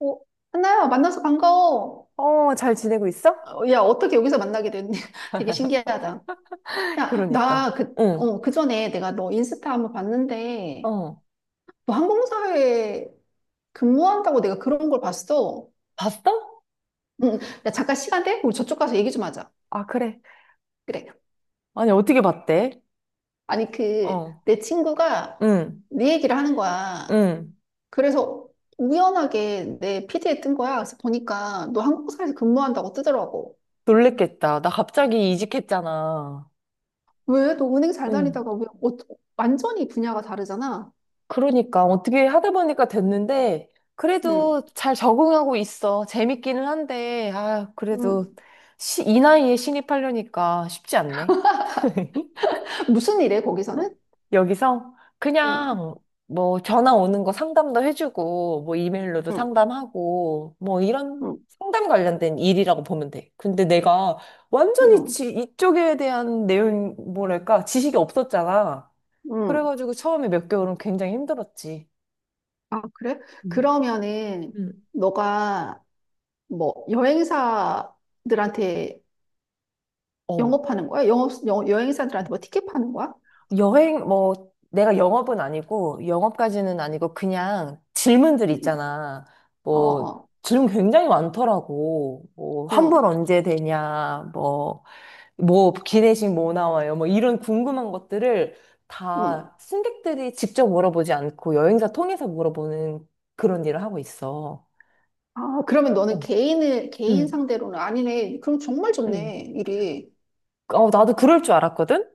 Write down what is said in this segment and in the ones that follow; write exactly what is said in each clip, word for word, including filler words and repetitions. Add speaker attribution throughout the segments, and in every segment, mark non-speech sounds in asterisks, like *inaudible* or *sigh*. Speaker 1: 어, 하나야, 만나서 반가워.
Speaker 2: 어, 잘 지내고 있어?
Speaker 1: 어, 야, 어떻게 여기서 만나게 됐니? *laughs* 되게
Speaker 2: *laughs*
Speaker 1: 신기하다. 야,
Speaker 2: 그러니까.
Speaker 1: 나 그,
Speaker 2: 응.
Speaker 1: 어, 그 전에 내가 너 인스타 한번 봤는데,
Speaker 2: 어.
Speaker 1: 너 항공사에 근무한다고 내가 그런 걸 봤어.
Speaker 2: 봤어?
Speaker 1: 응, 응. 야, 잠깐 시간 돼? 우리 저쪽 가서 얘기 좀 하자.
Speaker 2: 아, 그래.
Speaker 1: 그래.
Speaker 2: 아니, 어떻게 봤대?
Speaker 1: 아니, 그,
Speaker 2: 어,
Speaker 1: 내 친구가
Speaker 2: 응,
Speaker 1: 네 얘기를 하는 거야.
Speaker 2: 응.
Speaker 1: 그래서 우연하게 내 피드에 뜬 거야. 그래서 보니까 너 항공사에서 근무한다고 뜨더라고.
Speaker 2: 놀랬겠다. 나 갑자기 이직했잖아.
Speaker 1: 왜? 너 은행 잘
Speaker 2: 응.
Speaker 1: 다니다가 왜, 어, 완전히 분야가 다르잖아.
Speaker 2: 그러니까 어떻게 하다 보니까 됐는데,
Speaker 1: 음,
Speaker 2: 그래도 잘 적응하고 있어. 재밌기는 한데, 아, 그래도
Speaker 1: 음.
Speaker 2: 시, 이 나이에 신입하려니까 쉽지 않네. *laughs*
Speaker 1: 무슨 일해,
Speaker 2: 응?
Speaker 1: 거기서는?
Speaker 2: 여기서
Speaker 1: 음,
Speaker 2: 그냥 뭐 전화 오는 거 상담도 해주고 뭐 이메일로도
Speaker 1: 음,
Speaker 2: 상담하고 뭐 이런
Speaker 1: 음,
Speaker 2: 상담 관련된 일이라고 보면 돼. 근데 내가 완전히
Speaker 1: 음,
Speaker 2: 지, 이쪽에 대한 내용 뭐랄까 지식이 없었잖아.
Speaker 1: 음.
Speaker 2: 그래가지고 처음에 몇 개월은 굉장히 힘들었지.
Speaker 1: 아, 그래?
Speaker 2: 음.
Speaker 1: 그러면은,
Speaker 2: 음.
Speaker 1: 너가 뭐, 여행사들한테
Speaker 2: 어.
Speaker 1: 영업하는 거야? 영업, 여, 여행사들한테 뭐 티켓 파는 거야?
Speaker 2: 여행, 뭐, 내가 영업은 아니고, 영업까지는 아니고, 그냥 질문들
Speaker 1: 음,
Speaker 2: 있잖아.
Speaker 1: 어,
Speaker 2: 뭐,
Speaker 1: 어,
Speaker 2: 질문 굉장히 많더라고. 뭐,
Speaker 1: 응,
Speaker 2: 환불 언제 되냐, 뭐, 뭐, 기내식 뭐 나와요, 뭐, 이런 궁금한 것들을
Speaker 1: 응.
Speaker 2: 다 승객들이 직접 물어보지 않고 여행사 통해서 물어보는 그런 일을 하고 있어.
Speaker 1: 아, 그러면 너는
Speaker 2: 어,
Speaker 1: 개인을, 개인
Speaker 2: 응,
Speaker 1: 상대로는 아니네. 그럼 정말
Speaker 2: 응.
Speaker 1: 좋네, 일이.
Speaker 2: 어, 나도 그럴 줄 알았거든?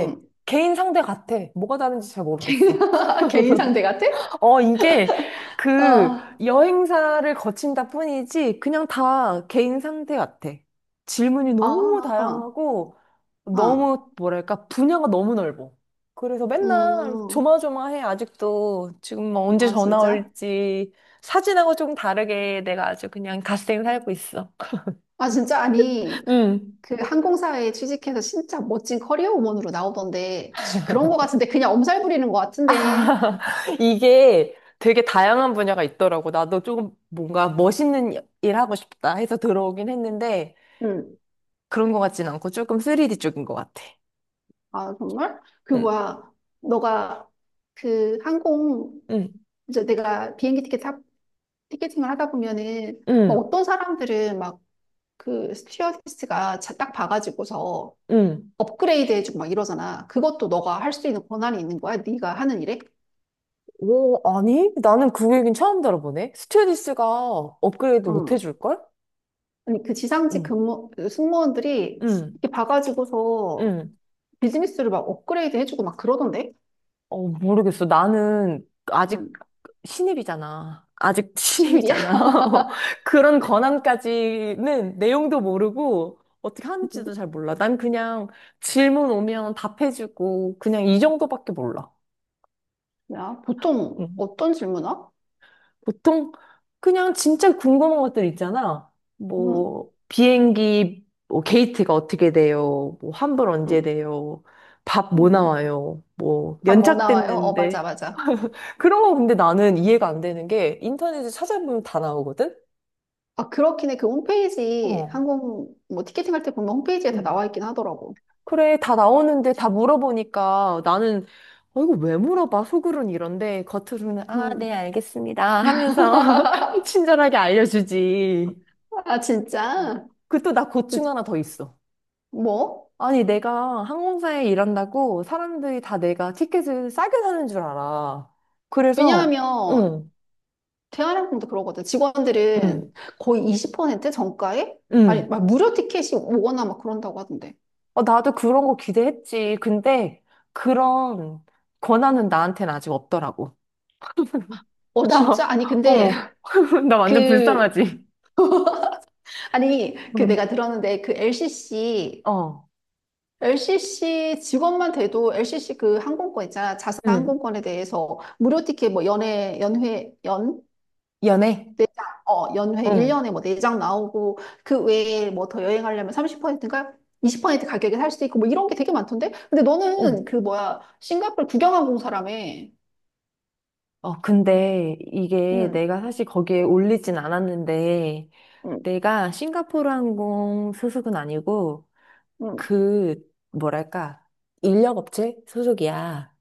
Speaker 1: 응.
Speaker 2: 개인 상대 같아. 뭐가 다른지 잘 모르겠어.
Speaker 1: *laughs* 개인 상대 같아?
Speaker 2: 어, 이게 그
Speaker 1: 아,
Speaker 2: 여행사를 거친다 뿐이지 그냥 다 개인 상태 같아. 질문이 너무
Speaker 1: 아,
Speaker 2: 다양하고
Speaker 1: 아,
Speaker 2: 너무 뭐랄까 분야가 너무 넓어. 그래서 맨날
Speaker 1: 음,
Speaker 2: 조마조마해 아직도 지금 뭐 언제
Speaker 1: 아,
Speaker 2: 전화
Speaker 1: 진짜?
Speaker 2: 올지 사진하고 좀 다르게 내가 아주 그냥 갓생 살고 있어.
Speaker 1: 아, 진짜? 아니,
Speaker 2: 음.
Speaker 1: 그 항공사에 취직해서 진짜 멋진 커리어 우먼으로 나오던데 그런 거 같은데 그냥 엄살 부리는 거 같은데.
Speaker 2: *laughs* 이게 되게 다양한 분야가 있더라고. 나도 조금 뭔가 멋있는 일 하고 싶다 해서 들어오긴 했는데
Speaker 1: 응.
Speaker 2: 그런 것 같진 않고 조금 쓰리디 쪽인 것 같아.
Speaker 1: 아, 정말 그
Speaker 2: 응.
Speaker 1: 뭐야. 너가 그 항공
Speaker 2: 응,
Speaker 1: 이제 내가 비행기 티켓 사- 티켓팅을 하다 보면은 막
Speaker 2: 응,
Speaker 1: 어떤 사람들은 막 그 스튜어디스가 자- 딱 봐가지고서
Speaker 2: 응.
Speaker 1: 업그레이드 해주고 막 이러잖아. 그것도 너가 할 수 있는 권한이 있는 거야, 네가 하는 일에?
Speaker 2: 오, 아니? 나는 그 얘기는 처음 들어보네. 스튜어디스가 업그레이드 못
Speaker 1: 응.
Speaker 2: 해줄걸?
Speaker 1: 아니, 그 지상직
Speaker 2: 응.
Speaker 1: 근무 그 승무원들이
Speaker 2: 응,
Speaker 1: 이렇게 봐가지고서
Speaker 2: 응.
Speaker 1: 비즈니스를 막 업그레이드 해주고 막 그러던데?
Speaker 2: 어, 모르겠어. 나는 아직
Speaker 1: 음,
Speaker 2: 신입이잖아. 아직 *laughs*
Speaker 1: 신입이야?
Speaker 2: 신입이잖아. *laughs* 그런 권한까지는 내용도 모르고 어떻게 하는지도 잘 몰라. 난 그냥 질문 오면 답해주고 그냥 이 정도밖에 몰라.
Speaker 1: 야, 보통
Speaker 2: 응.
Speaker 1: 어떤 질문아?
Speaker 2: 보통 그냥 진짜 궁금한 것들 있잖아.
Speaker 1: 음,
Speaker 2: 뭐 비행기 뭐 게이트가 어떻게 돼요? 뭐 환불
Speaker 1: 음,
Speaker 2: 언제 돼요? 밥 뭐
Speaker 1: 음.
Speaker 2: 나와요? 뭐
Speaker 1: 밥뭐 나와요? 어, 맞아,
Speaker 2: 연착됐는데
Speaker 1: 맞아.
Speaker 2: *laughs* 그런 거 근데 나는 이해가 안 되는 게 인터넷에 찾아보면 다 나오거든?
Speaker 1: 아, 그렇긴 해. 그 홈페이지,
Speaker 2: 어.
Speaker 1: 항공, 뭐, 티켓팅 할 때 보면 홈페이지에 다
Speaker 2: 음.
Speaker 1: 나와 있긴 하더라고.
Speaker 2: 그래, 다 나오는데 다 물어보니까 나는 어, 이거 왜 물어봐? 속으로는 이런데 겉으로는 아, 네,
Speaker 1: 음.
Speaker 2: 알겠습니다 하면서 *laughs*
Speaker 1: *laughs*
Speaker 2: 친절하게 알려주지.
Speaker 1: 아, 진짜?
Speaker 2: 그 또 나 고충 하나 더 있어.
Speaker 1: 뭐?
Speaker 2: 아니, 내가 항공사에 일한다고 사람들이 다 내가 티켓을 싸게 사는 줄 알아. 그래서,
Speaker 1: 왜냐하면,
Speaker 2: 응,
Speaker 1: 대한항공도 그러거든.
Speaker 2: 응,
Speaker 1: 직원들은 거의 이십 퍼센트 정가에? 아니,
Speaker 2: 응.
Speaker 1: 막 무료 티켓이 오거나 막 그런다고 하던데.
Speaker 2: 어, 나도 그런 거 기대했지. 근데 그런 권한은 나한테는 아직 없더라고.
Speaker 1: 어,
Speaker 2: 나,
Speaker 1: 진짜? 아니,
Speaker 2: *laughs*
Speaker 1: 근데,
Speaker 2: 어,
Speaker 1: *laughs*
Speaker 2: *laughs* 나 완전
Speaker 1: 그,
Speaker 2: 불쌍하지.
Speaker 1: 아니, 그
Speaker 2: 응.
Speaker 1: 내가 들었는데 그 LCC,
Speaker 2: 어,
Speaker 1: LCC 직원만 돼도 엘씨씨 그 항공권 있잖아. 자사
Speaker 2: 응.
Speaker 1: 항공권에 대해서 무료 티켓 뭐 연회, 연회, 연?
Speaker 2: 연애?
Speaker 1: 네장. 어, 연회
Speaker 2: 응,
Speaker 1: 일 년에 뭐 네장 나오고 그 외에 뭐 더 여행하려면 삼십 퍼센트인가? 이십 퍼센트 가격에 살 수도 있고 뭐 이런 게 되게 많던데? 근데
Speaker 2: 응.
Speaker 1: 너는 그 뭐야, 싱가포르 구경항공 사람에.
Speaker 2: 어, 근데 이게
Speaker 1: 음,
Speaker 2: 내가 사실 거기에 올리진 않았는데,
Speaker 1: 음,
Speaker 2: 내가 싱가포르 항공 소속은 아니고
Speaker 1: 음.
Speaker 2: 그 뭐랄까 인력 업체 소속이야.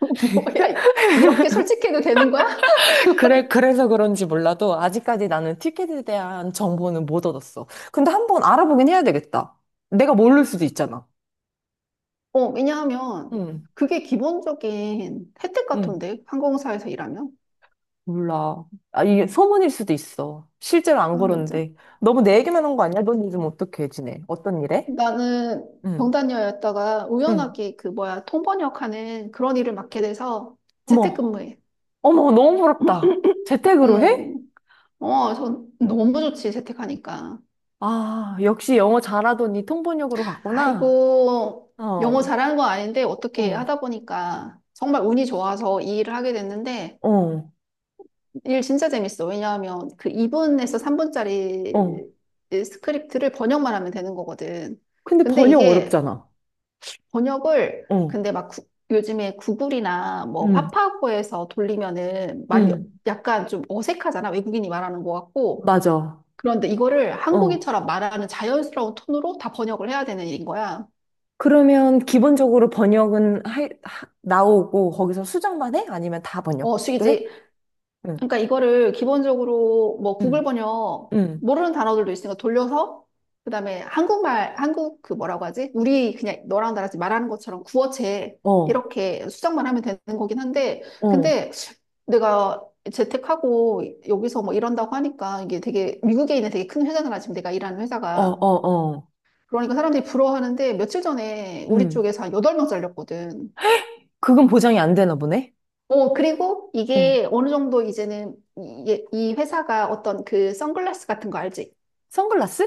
Speaker 1: *laughs* 뭐야,
Speaker 2: *laughs*
Speaker 1: 이렇게 솔직해도 되는 거야?
Speaker 2: 그래 그래서 그런지 몰라도 아직까지 나는 티켓에 대한 정보는 못 얻었어. 근데 한번 알아보긴 해야 되겠다. 내가 모를 수도 있잖아.
Speaker 1: 어, 왜냐하면
Speaker 2: 응,
Speaker 1: 그게 기본적인 혜택
Speaker 2: 응,
Speaker 1: 같은데, 항공사에서 일하면.
Speaker 2: 몰라. 아, 이게 소문일 수도 있어. 실제로 안
Speaker 1: 아, 진짜.
Speaker 2: 그런데 너무 내 얘기만 한 거 아니야? 넌 요즘 어떻게 지내? 어떤 일해?
Speaker 1: 나는
Speaker 2: 응,
Speaker 1: 병단녀였다가
Speaker 2: 응.
Speaker 1: 우연하게 그 뭐야, 통번역하는 그런 일을 맡게 돼서
Speaker 2: 어머,
Speaker 1: 재택근무해.
Speaker 2: 어머, 너무 부럽다. 재택으로 해?
Speaker 1: 응. 어, 전 너무 좋지, 재택하니까.
Speaker 2: 아, 역시 영어 잘하더니 통번역으로 갔구나.
Speaker 1: 아이고, 영어
Speaker 2: 어,
Speaker 1: 잘하는 건 아닌데 어떻게
Speaker 2: 어,
Speaker 1: 하다 보니까 정말 운이 좋아서 이 일을 하게 됐는데.
Speaker 2: 어,
Speaker 1: 일 진짜 재밌어. 왜냐하면 그 이 분에서 삼 분짜리
Speaker 2: 어.
Speaker 1: 스크립트를 번역만 하면 되는 거거든.
Speaker 2: 근데
Speaker 1: 근데
Speaker 2: 번역
Speaker 1: 이게
Speaker 2: 어렵잖아.
Speaker 1: 번역을
Speaker 2: 어,
Speaker 1: 근데 막 구- 요즘에 구글이나 뭐
Speaker 2: 응,
Speaker 1: 파파고에서 돌리면은 말이
Speaker 2: 응,
Speaker 1: 약간 좀 어색하잖아. 외국인이 말하는 것 같고.
Speaker 2: 맞아.
Speaker 1: 그런데 이거를
Speaker 2: 어.
Speaker 1: 한국인처럼 말하는 자연스러운 톤으로 다 번역을 해야 되는 일인 거야.
Speaker 2: 그러면 기본적으로 번역은 하, 하- 나오고 거기서 수정만 해? 아니면 다
Speaker 1: 어,
Speaker 2: 번역도 해?
Speaker 1: 숙이지.
Speaker 2: 응,
Speaker 1: 그러니까 이거를 기본적으로 뭐 구글
Speaker 2: 응,
Speaker 1: 번역
Speaker 2: 응.
Speaker 1: 모르는 단어들도 있으니까 돌려서 그다음에 한국말 한국 그 뭐라고 하지? 우리 그냥 너랑 나랑 지금 말하는 것처럼 구어체
Speaker 2: 어, 어,
Speaker 1: 이렇게 수정만 하면 되는 거긴 한데.
Speaker 2: 어,
Speaker 1: 근데 내가 재택하고 여기서 뭐 이런다고 하니까 이게 되게 미국에 있는 되게 큰 회사잖아, 지금 내가 일하는
Speaker 2: 어,
Speaker 1: 회사가.
Speaker 2: 어.
Speaker 1: 그러니까 사람들이 부러워하는데 며칠 전에 우리
Speaker 2: 응.
Speaker 1: 쪽에서 한 여덟 명 잘렸거든.
Speaker 2: 그건 보장이 안 되나 보네.
Speaker 1: 어, 그리고
Speaker 2: 응.
Speaker 1: 이게 어느 정도 이제는 이, 이 회사가 어떤 그 선글라스 같은 거 알지?
Speaker 2: 선글라스?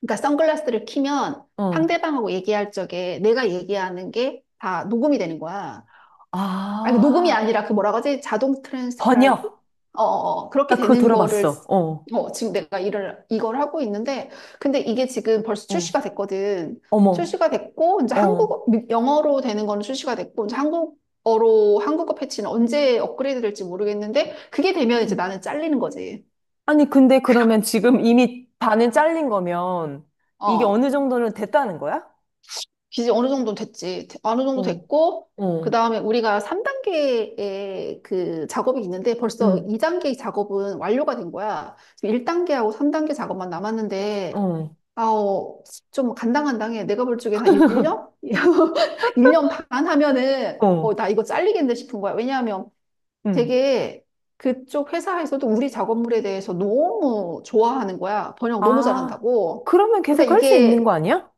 Speaker 1: 그러니까 선글라스를 키면
Speaker 2: 어,
Speaker 1: 상대방하고 얘기할 적에 내가 얘기하는 게 다 녹음이 되는 거야. 아니, 녹음이
Speaker 2: 아,
Speaker 1: 아니라 그 뭐라 그러지? 자동 트랜스크라이브?
Speaker 2: 번역.
Speaker 1: 어, 어, 어. 그렇게
Speaker 2: 나 그거
Speaker 1: 되는 거를,
Speaker 2: 들어봤어. 어,
Speaker 1: 어, 지금 내가 일을, 이걸 하고 있는데, 근데 이게 지금 벌써 출시가
Speaker 2: 어.
Speaker 1: 됐거든.
Speaker 2: 어머,
Speaker 1: 출시가 됐고, 이제
Speaker 2: 어.
Speaker 1: 한국어, 미- 영어로 되는 거는 출시가 됐고, 이제 한국어로, 한국어 패치는 언제 업그레이드 될지 모르겠는데, 그게 되면 이제
Speaker 2: 음.
Speaker 1: 나는 잘리는 거지.
Speaker 2: 아니, 근데 그러면 지금 이미 반은 잘린 거면 이게 어느
Speaker 1: 어.
Speaker 2: 정도는 됐다는 거야?
Speaker 1: 기지 어느 정도 됐지. 어느 정도
Speaker 2: 어,
Speaker 1: 됐고, 그
Speaker 2: 어,
Speaker 1: 다음에 우리가 삼 단계의 그 작업이 있는데 벌써
Speaker 2: 음,
Speaker 1: 이 단계의 작업은 완료가 된 거야. 지금 일 단계하고 삼 단계 작업만 남았는데,
Speaker 2: 어,
Speaker 1: 아우, 좀 간당간당해. 내가 볼 적엔 한 일 년?
Speaker 2: *laughs*
Speaker 1: 일 년 *laughs* 반 하면은,
Speaker 2: 어,
Speaker 1: 어, 나 이거 잘리겠네 싶은 거야. 왜냐하면
Speaker 2: 음.
Speaker 1: 되게 그쪽 회사에서도 우리 작업물에 대해서 너무 좋아하는 거야. 번역 너무
Speaker 2: 아,
Speaker 1: 잘한다고.
Speaker 2: 그러면 계속
Speaker 1: 그러니까
Speaker 2: 할 수 있는 거
Speaker 1: 이게
Speaker 2: 아니야?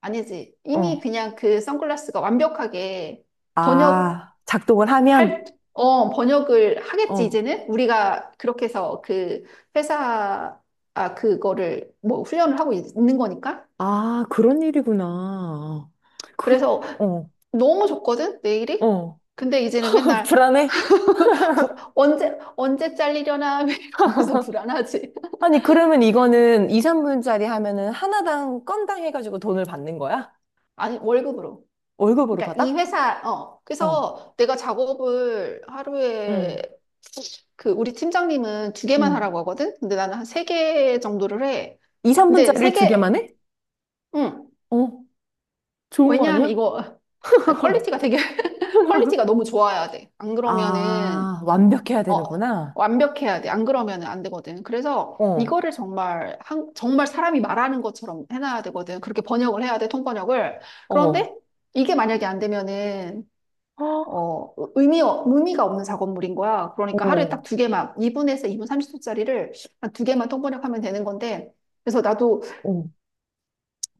Speaker 1: 아니지. 이미
Speaker 2: 어.
Speaker 1: 그냥 그 선글라스가 완벽하게 번역할,
Speaker 2: 아, 작동을 하면?
Speaker 1: 어, 번역을 하겠지,
Speaker 2: 어,
Speaker 1: 이제는? 우리가 그렇게 해서 그 회사, 아, 그거를 뭐 훈련을 하고 있- 있는 거니까.
Speaker 2: 아, 그런 일이구나. 그,
Speaker 1: 그래서
Speaker 2: 어,
Speaker 1: 너무 좋거든, 내일이?
Speaker 2: 어.
Speaker 1: 근데 이제는
Speaker 2: *laughs*
Speaker 1: 맨날
Speaker 2: 불안해?
Speaker 1: *laughs* 불, 언제, 언제 잘리려나 *laughs* 이러면서 불안하지.
Speaker 2: 아니, 그러면 이거는 이, 삼 분짜리 하면은 하나당 건당 해가지고 돈을 받는 거야?
Speaker 1: 아니, 월급으로.
Speaker 2: 월급으로
Speaker 1: 그러니까 이
Speaker 2: 받아?
Speaker 1: 회사, 어,
Speaker 2: 어
Speaker 1: 그래서 내가 작업을
Speaker 2: 응,
Speaker 1: 하루에 그 우리 팀장님은 두 개만
Speaker 2: 응.
Speaker 1: 하라고 하거든? 근데 나는 한 세 개 정도를 해.
Speaker 2: 이,
Speaker 1: 근데 세
Speaker 2: 삼 분짜리를 두
Speaker 1: 개,
Speaker 2: 개만 해?
Speaker 1: 응.
Speaker 2: 어, 좋은 거
Speaker 1: 왜냐하면
Speaker 2: 아니야?
Speaker 1: 이거 아니, 퀄리티가 되게 *laughs*
Speaker 2: *laughs*
Speaker 1: 퀄리티가 너무 좋아야 돼. 안 그러면은.
Speaker 2: 아, 완벽해야
Speaker 1: 어
Speaker 2: 되는구나.
Speaker 1: 완벽해야 돼. 안 그러면은 안 되거든. 그래서
Speaker 2: 어,
Speaker 1: 이거를 정말 한 정말 사람이 말하는 것처럼 해놔야 되거든. 그렇게 번역을 해야 돼. 통번역을. 그런데
Speaker 2: 어,
Speaker 1: 이게 만약에 안 되면은
Speaker 2: 어,
Speaker 1: 어, 의미, 의미가 없는 작업물인 거야. 그러니까 하루에
Speaker 2: 어,
Speaker 1: 딱 두 개만, 이 분에서 이 분 삼십 초짜리를 한 두 개만 통번역하면 되는 건데, 그래서 나도
Speaker 2: 어.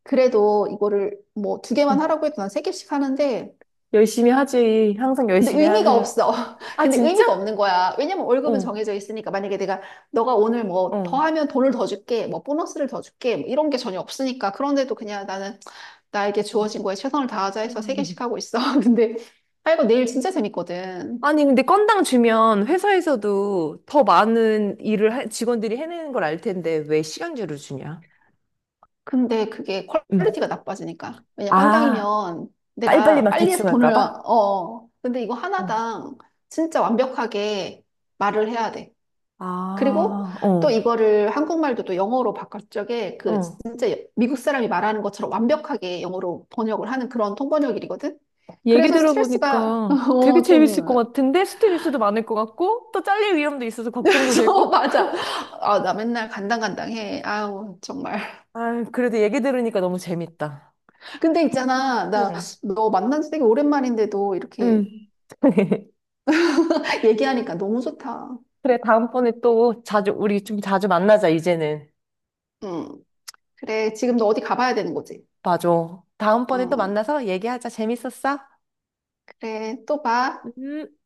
Speaker 1: 그래도 이거를 뭐 두 개만
Speaker 2: 응.
Speaker 1: 하라고 해도 난 세 개씩 하는데,
Speaker 2: 열심히 하지. 항상
Speaker 1: 근데
Speaker 2: 열심히
Speaker 1: 의미가
Speaker 2: 하는.
Speaker 1: 없어. *laughs*
Speaker 2: 아,
Speaker 1: 근데
Speaker 2: 진짜?
Speaker 1: 의미가 없는 거야. 왜냐면 월급은
Speaker 2: 어,
Speaker 1: 정해져 있으니까. 만약에 내가, 너가 오늘 뭐 더
Speaker 2: 어.
Speaker 1: 하면 돈을 더 줄게, 뭐 보너스를 더 줄게, 뭐 이런 게 전혀 없으니까. 그런데도 그냥 나는 나에게
Speaker 2: 어.
Speaker 1: 주어진 거에 최선을 다하자 해서 세 개씩 하고 있어. *laughs* 근데, 아, 이거 내일 진짜 재밌거든.
Speaker 2: 아니, 근데 건당 주면 회사에서도 더 많은 일을 할- 직원들이 해내는 걸 알 텐데 왜 시간제로 주냐?
Speaker 1: 근데 그게
Speaker 2: 응,
Speaker 1: 퀄리티가 나빠지니까. 왜냐,
Speaker 2: 아,
Speaker 1: 건당이면
Speaker 2: 빨리빨리
Speaker 1: 내가
Speaker 2: 막
Speaker 1: 빨리 해서
Speaker 2: 대충 할까
Speaker 1: 돈을.
Speaker 2: 봐?
Speaker 1: 어. 어. 근데 이거
Speaker 2: 어,
Speaker 1: 하나당 진짜 완벽하게 말을 해야 돼. 그리고
Speaker 2: 아,
Speaker 1: 또
Speaker 2: 어.
Speaker 1: 이거를 한국말도 또 영어로 바꿀 적에 그
Speaker 2: 어.
Speaker 1: 진짜 미국 사람이 말하는 것처럼 완벽하게 영어로 번역을 하는 그런 통번역일이거든?
Speaker 2: 얘기
Speaker 1: 그래서 스트레스가,
Speaker 2: 들어보니까
Speaker 1: *laughs*
Speaker 2: 되게
Speaker 1: 어,
Speaker 2: 재밌을
Speaker 1: 좀,
Speaker 2: 것 같은데 스트레스도 많을 것 같고 또 잘릴 위험도 있어서
Speaker 1: *laughs*
Speaker 2: 걱정도
Speaker 1: 그래서
Speaker 2: 되고.
Speaker 1: 맞아. 아, 나 맨날 간당간당해. 아우, 정말.
Speaker 2: 아, 그래도 얘기 들으니까 너무 재밌다.
Speaker 1: 근데 있잖아, 나
Speaker 2: 응,
Speaker 1: 너 만난 지 되게 오랜만인데도 이렇게
Speaker 2: 응. *laughs*
Speaker 1: *laughs* 얘기하니까 너무 좋다.
Speaker 2: 그래, 다음번에 또 자주, 우리 좀 자주 만나자, 이제는.
Speaker 1: 음, 그래, 지금 너 어디 가봐야 되는 거지?
Speaker 2: 맞아. 다음번에 또
Speaker 1: 음,
Speaker 2: 만나서 얘기하자. 재밌었어?
Speaker 1: 그래, 또 봐.
Speaker 2: 음.